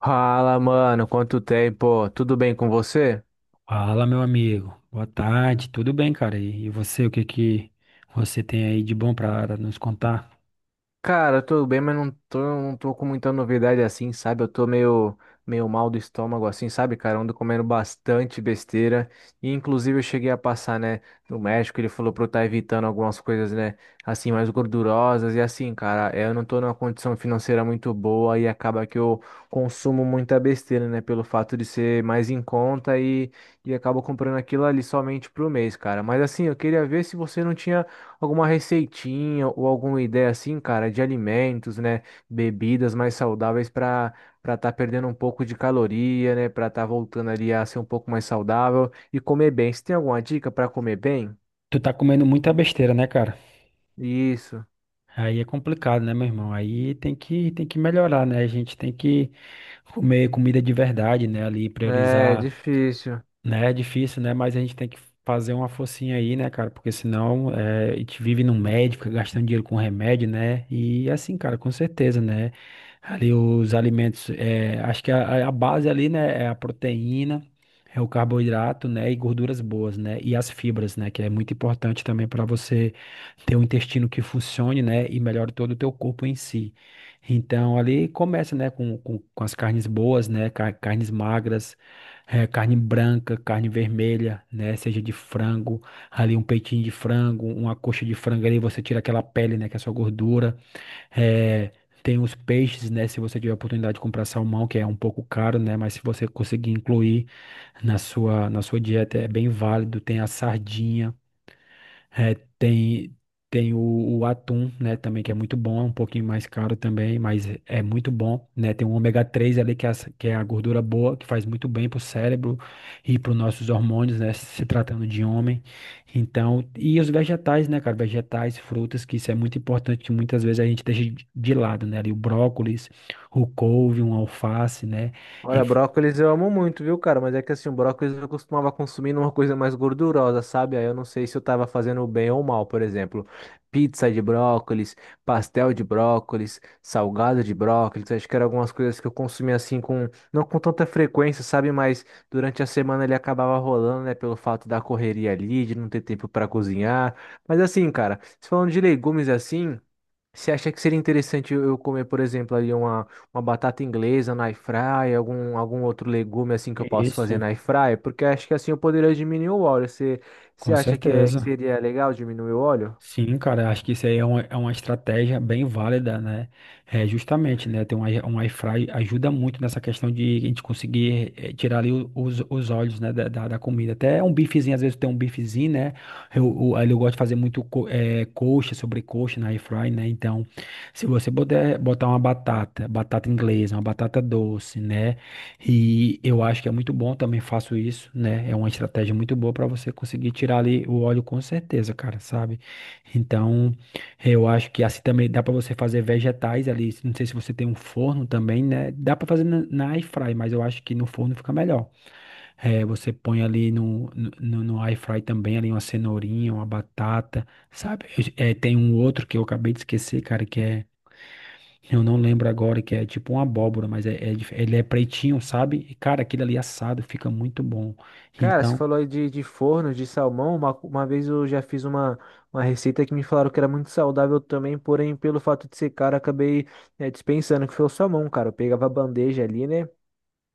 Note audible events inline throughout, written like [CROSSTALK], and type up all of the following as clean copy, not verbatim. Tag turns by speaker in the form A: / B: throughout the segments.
A: Fala, mano, quanto tempo? Tudo bem com você?
B: Fala, meu amigo. Boa tarde. Tudo bem, cara? E você, o que que você tem aí de bom pra nos contar?
A: Cara, eu tô bem, mas não tô com muita novidade assim, sabe? Eu tô meio mal do estômago assim, sabe, cara? Eu ando comendo bastante besteira. E inclusive eu cheguei a passar, né, no médico, ele falou pra eu estar evitando algumas coisas, né, assim, mais gordurosas. E assim, cara, eu não tô numa condição financeira muito boa e acaba que eu consumo muita besteira, né, pelo fato de ser mais em conta e acabo comprando aquilo ali somente pro mês, cara. Mas assim, eu queria ver se você não tinha alguma receitinha ou alguma ideia assim, cara, de alimentos, né? Bebidas mais saudáveis para estar perdendo um pouco de caloria, né? Para estar voltando ali a ser um pouco mais saudável e comer bem. Você tem alguma dica para comer bem?
B: Tu tá comendo muita besteira, né, cara?
A: Isso.
B: Aí é complicado, né, meu irmão? Aí tem que melhorar, né? A gente tem que comer comida de verdade, né? Ali
A: É
B: priorizar
A: difícil.
B: Né, É difícil, né? Mas a gente tem que fazer uma forcinha aí, né, cara? Porque senão a gente vive no médico, fica gastando dinheiro com remédio, né? E assim, cara, com certeza, né? Ali os alimentos, acho que a base ali, né, é a proteína, é o carboidrato, né? E gorduras boas, né? E as fibras, né? Que é muito importante também para você ter um intestino que funcione, né? E melhore todo o teu corpo em si. Então, ali começa, né, com as carnes boas, né? Carnes magras é, carne branca, carne vermelha, né? Seja de frango, ali um peitinho de frango, uma coxa de frango ali, você tira aquela pele, né? Que é só gordura. É, tem os peixes, né? Se você tiver a oportunidade de comprar salmão, que é um pouco caro, né? Mas se você conseguir incluir na sua dieta, é bem válido. Tem a sardinha. É, tem o atum, né, também que é muito bom, é um pouquinho mais caro também, mas é muito bom, né? Tem o ômega 3 ali que é, que é a gordura boa, que faz muito bem pro cérebro e para os nossos hormônios, né, se tratando de homem. Então, e os vegetais, né, cara, vegetais, frutas, que isso é muito importante, que muitas vezes a gente deixa de lado, né? Ali o brócolis, o couve, um alface, né? E
A: Olha,
B: f-
A: brócolis eu amo muito, viu, cara? Mas é que assim, o brócolis eu costumava consumir numa coisa mais gordurosa, sabe? Aí eu não sei se eu tava fazendo bem ou mal, por exemplo, pizza de brócolis, pastel de brócolis, salgado de brócolis. Acho que eram algumas coisas que eu consumia assim com, não com tanta frequência, sabe? Mas durante a semana ele acabava rolando, né? Pelo fato da correria ali, de não ter tempo pra cozinhar. Mas assim, cara, se falando de legumes assim. Você acha que seria interessante eu comer, por exemplo, ali uma batata inglesa na air fryer, algum outro legume assim que eu posso fazer
B: isso,
A: na air fryer? Porque acho que assim eu poderia diminuir o óleo. Você
B: com
A: acha que, que
B: certeza.
A: seria legal diminuir o óleo?
B: Sim, cara, acho que isso aí é uma estratégia bem válida, né? É, justamente, né? Ter um, um air fry ajuda muito nessa questão de a gente conseguir tirar ali os óleos, né, da comida. Até um bifezinho, às vezes tem um bifezinho, né? Ali eu gosto de fazer muito coxa, sobrecoxa na air fry, né? Então, se você puder botar uma batata, batata inglesa, uma batata doce, né? E eu acho que é muito bom, também faço isso, né? É uma estratégia muito boa para você conseguir tirar ali o óleo com certeza, cara, sabe? Então, eu acho que assim também dá para você fazer vegetais ali. Não sei se você tem um forno também, né? Dá para fazer na air fry, mas eu acho que no forno fica melhor. É, você põe ali no air fry também ali uma cenourinha, uma batata, sabe? É, tem um outro que eu acabei de esquecer, cara, que é eu não lembro agora, que é tipo uma abóbora, mas é ele é pretinho, sabe? E cara, aquele ali assado fica muito bom.
A: Cara, você
B: Então,
A: falou aí de forno, de salmão. Uma vez eu já fiz uma receita que me falaram que era muito saudável também, porém, pelo fato de ser caro, né, dispensando, que foi o salmão, cara. Eu pegava a bandeja ali, né?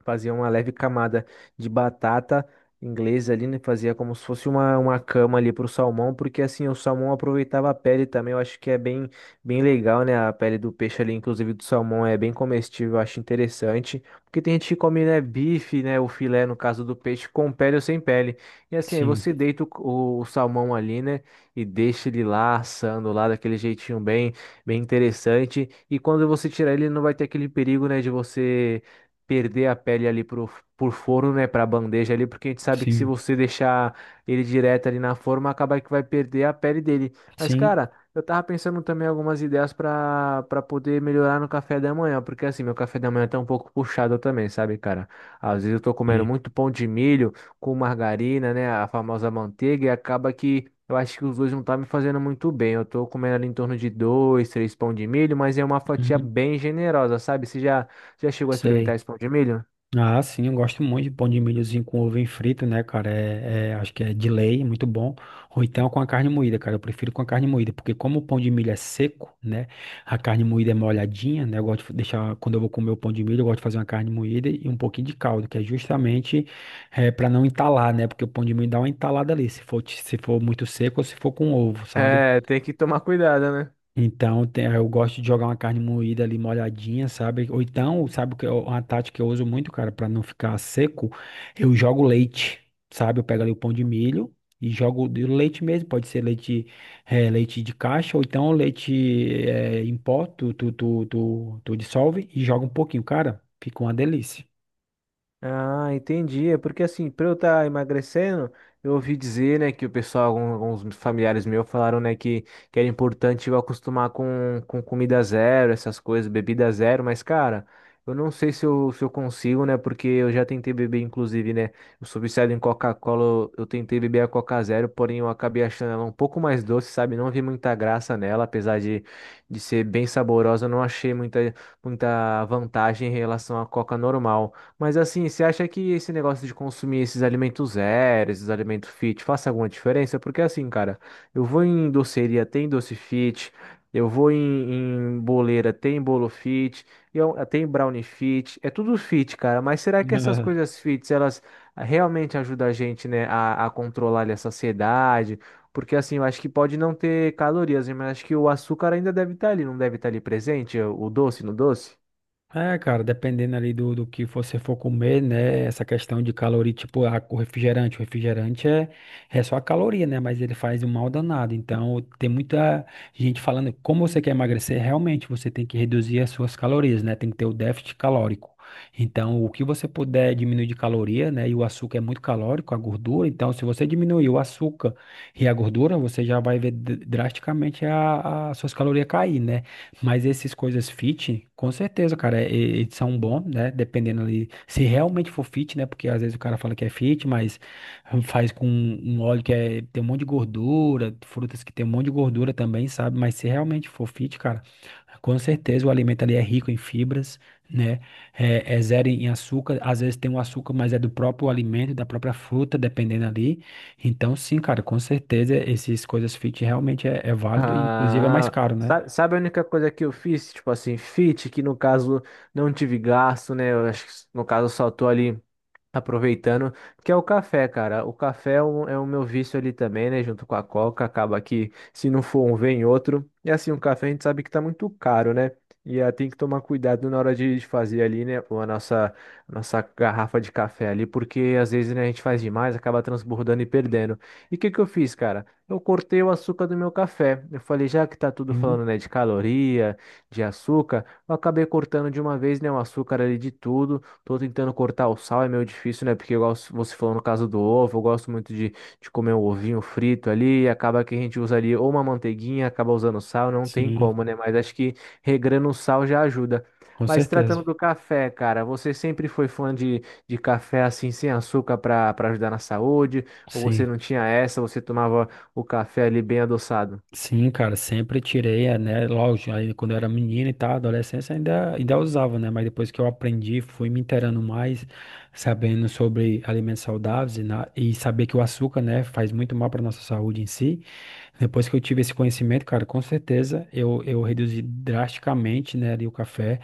A: Fazia uma leve camada de batata inglesa ali, né? Fazia como se fosse uma cama ali pro salmão, porque assim, o salmão aproveitava a pele também, eu acho que é bem, bem legal, né? A pele do peixe ali, inclusive do salmão, é bem comestível, eu acho interessante. Porque tem gente que come, né, bife, né, o filé, no caso do peixe, com pele ou sem pele. E assim, aí
B: sim,
A: você deita o salmão ali, né, e deixa ele lá assando lá daquele jeitinho bem, bem interessante. E quando você tirar ele, não vai ter aquele perigo, né, de você perder a pele ali por forno, né, pra bandeja ali, porque a gente sabe que se
B: sim,
A: você deixar ele direto ali na forma, acaba que vai perder a pele dele. Mas,
B: sim,
A: cara, eu tava pensando também algumas ideias pra para poder melhorar no café da manhã, porque assim, meu café da manhã tá um pouco puxado também, sabe, cara? Às vezes eu tô comendo
B: sim.
A: muito pão de milho com margarina, né, a famosa manteiga, e acaba que eu acho que os dois não tá me fazendo muito bem. Eu tô comendo ali em torno de dois, três pão de milho, mas é uma fatia
B: Uhum,
A: bem generosa, sabe? Você já chegou a experimentar
B: sei.
A: esse pão de milho?
B: Ah, sim, eu gosto muito de pão de milhozinho com ovo frito, né, cara? Acho que é de lei, muito bom. Ou então com a carne moída, cara. Eu prefiro com a carne moída, porque como o pão de milho é seco, né? A carne moída é molhadinha, né? Eu gosto de deixar, quando eu vou comer o pão de milho, eu gosto de fazer uma carne moída e um pouquinho de caldo, que é justamente é, para não entalar, né? Porque o pão de milho dá uma entalada ali, se for muito seco ou se for com ovo, sabe?
A: É, tem que tomar cuidado, né?
B: Então, eu gosto de jogar uma carne moída ali molhadinha, sabe? Ou então, uma tática que eu uso muito, cara, pra não ficar seco, eu jogo leite, sabe? Eu pego ali o pão de milho e jogo de leite mesmo, pode ser leite, leite de caixa ou então leite, em pó, tu dissolve e joga um pouquinho, cara, fica uma delícia.
A: Ah, entendi. É porque assim, pra eu estar emagrecendo, eu ouvi dizer, né, que o pessoal, alguns familiares meus falaram, né, que era importante eu acostumar com comida zero, essas coisas, bebida zero, mas, cara, eu não sei se eu, se eu consigo, né, porque eu já tentei beber, inclusive, né, eu sou viciado em Coca-Cola, eu tentei beber a Coca Zero, porém eu acabei achando ela um pouco mais doce, sabe? Não vi muita graça nela, apesar de ser bem saborosa, eu não achei muita, muita vantagem em relação à Coca normal. Mas assim, você acha que esse negócio de consumir esses alimentos zero, esses alimentos fit, faça alguma diferença? Porque assim, cara, eu vou em doceria, tem doce fit, eu vou em, em boleira, tem bolo fit, eu, tem brownie fit, é tudo fit, cara. Mas será que essas
B: [LAUGHS]
A: coisas fits, elas realmente ajudam a gente, né, a controlar ali a saciedade? Porque assim, eu acho que pode não ter calorias, né, mas acho que o açúcar ainda deve estar ali, não deve estar ali presente, o doce no doce?
B: É, cara, dependendo ali do que você for comer, né? Essa questão de caloria, tipo, a, o refrigerante. O refrigerante é só a caloria, né? Mas ele faz um mal danado. Então, tem muita gente falando, como você quer emagrecer, realmente você tem que reduzir as suas calorias, né? Tem que ter o déficit calórico. Então, o que você puder diminuir de caloria, né? E o açúcar é muito calórico, a gordura. Então, se você diminuir o açúcar e a gordura, você já vai ver drasticamente as suas calorias cair, né? Mas esses coisas fit, com certeza, cara, eles são bons, né? Dependendo ali, se realmente for fit, né? Porque às vezes o cara fala que é fit, mas faz com um óleo que é, tem um monte de gordura, frutas que tem um monte de gordura também, sabe? Mas se realmente for fit, cara, com certeza o alimento ali é rico em fibras, né? É, é zero em açúcar, às vezes tem um açúcar, mas é do próprio alimento, da própria fruta, dependendo ali. Então, sim, cara, com certeza, essas coisas fit realmente é válido e inclusive é mais
A: Ah,
B: caro, né?
A: sabe a única coisa que eu fiz? Tipo assim, fit, que no caso não tive gasto, né? Eu acho que no caso saltou ali. Aproveitando, que é o café, cara. O café é é o meu vício ali também, né? Junto com a Coca, acaba que se não for um, vem outro. E assim, o café a gente sabe que tá muito caro, né? E tem que tomar cuidado na hora de fazer ali, né? A nossa garrafa de café ali, porque às vezes, né, a gente faz demais, acaba transbordando e perdendo. E o que que eu fiz, cara? Eu cortei o açúcar do meu café. Eu falei, já que tá tudo
B: Sim.
A: falando, né, de caloria, de açúcar, eu acabei cortando de uma vez, né, o açúcar ali de tudo. Tô tentando cortar o sal, é meio difícil, né? Porque, igual você falou no caso do ovo, eu gosto muito de comer um ovinho frito ali, e acaba que a gente usa ali ou uma manteiguinha, acaba usando sal, não tem
B: Sim,
A: como, né? Mas acho que regrando o sal já ajuda.
B: com
A: Mas tratando
B: certeza.
A: do café, cara, você sempre foi fã de café assim, sem açúcar para ajudar na saúde? Ou você
B: Sim,
A: não tinha essa, você tomava o café ali bem adoçado?
B: sim, cara, sempre tirei, é, né? Lógico, aí quando eu era menino e tal, adolescência ainda, ainda usava, né? Mas depois que eu aprendi, fui me inteirando mais, sabendo sobre alimentos saudáveis e e saber que o açúcar, né, faz muito mal para nossa saúde em si. Depois que eu tive esse conhecimento, cara, com certeza eu reduzi drasticamente, né, ali o café,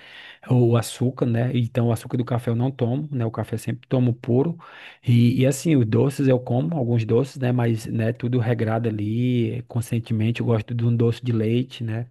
B: o açúcar, né? Então, o açúcar do café eu não tomo, né? O café eu sempre tomo puro. E assim, os doces eu como, alguns doces, né? Mas, né, tudo regrado ali, conscientemente. Eu gosto de um doce de leite, né?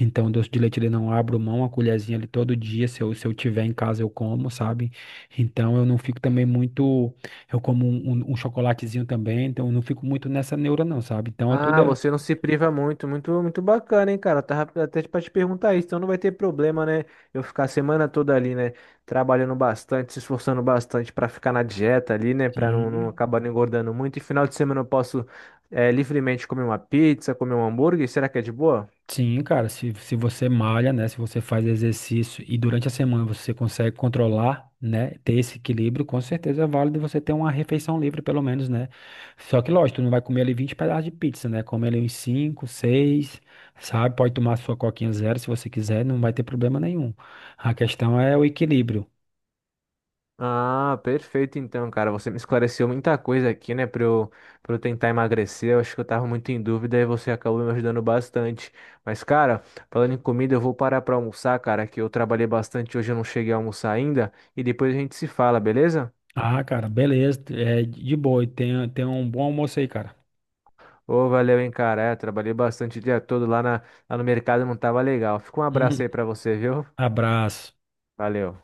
B: Então, doce de leite ele não abro mão, a colherzinha ali todo dia, se eu tiver em casa eu como, sabe? Então, eu não fico também muito. Eu como um chocolatezinho também, então eu não fico muito nessa neura, não, sabe? Então, é tudo.
A: Ah,
B: É
A: você não se priva muito, muito, muito bacana, hein, cara? Eu tava até pra te perguntar isso, então não vai ter problema, né? Eu ficar a semana toda ali, né? Trabalhando bastante, se esforçando bastante pra ficar na dieta ali, né? Pra não, não
B: Sim,
A: acabar não engordando muito. E final de semana eu posso, livremente comer uma pizza, comer um hambúrguer. Será que é de boa?
B: sim, cara, se você malha, né, se você faz exercício e durante a semana você consegue controlar, né, ter esse equilíbrio, com certeza é válido você ter uma refeição livre pelo menos, né, só que lógico, tu não vai comer ali 20 pedaços de pizza, né, comer ali uns 5 6 sabe, pode tomar sua coquinha zero se você quiser, não vai ter problema nenhum, a questão é o equilíbrio.
A: Ah, perfeito então, cara. Você me esclareceu muita coisa aqui, né, pra eu tentar emagrecer. Eu acho que eu tava muito em dúvida e você acabou me ajudando bastante. Mas, cara, falando em comida, eu vou parar pra almoçar, cara, que eu trabalhei bastante hoje, eu não cheguei a almoçar ainda. E depois a gente se fala, beleza?
B: Ah, cara, beleza, é de boa, e tenha um bom almoço aí, cara.
A: Ô, valeu, hein, cara. É, trabalhei bastante o dia todo lá, na, lá no mercado, não tava legal. Fica um abraço aí pra você,
B: [LAUGHS]
A: viu?
B: Abraço.
A: Valeu.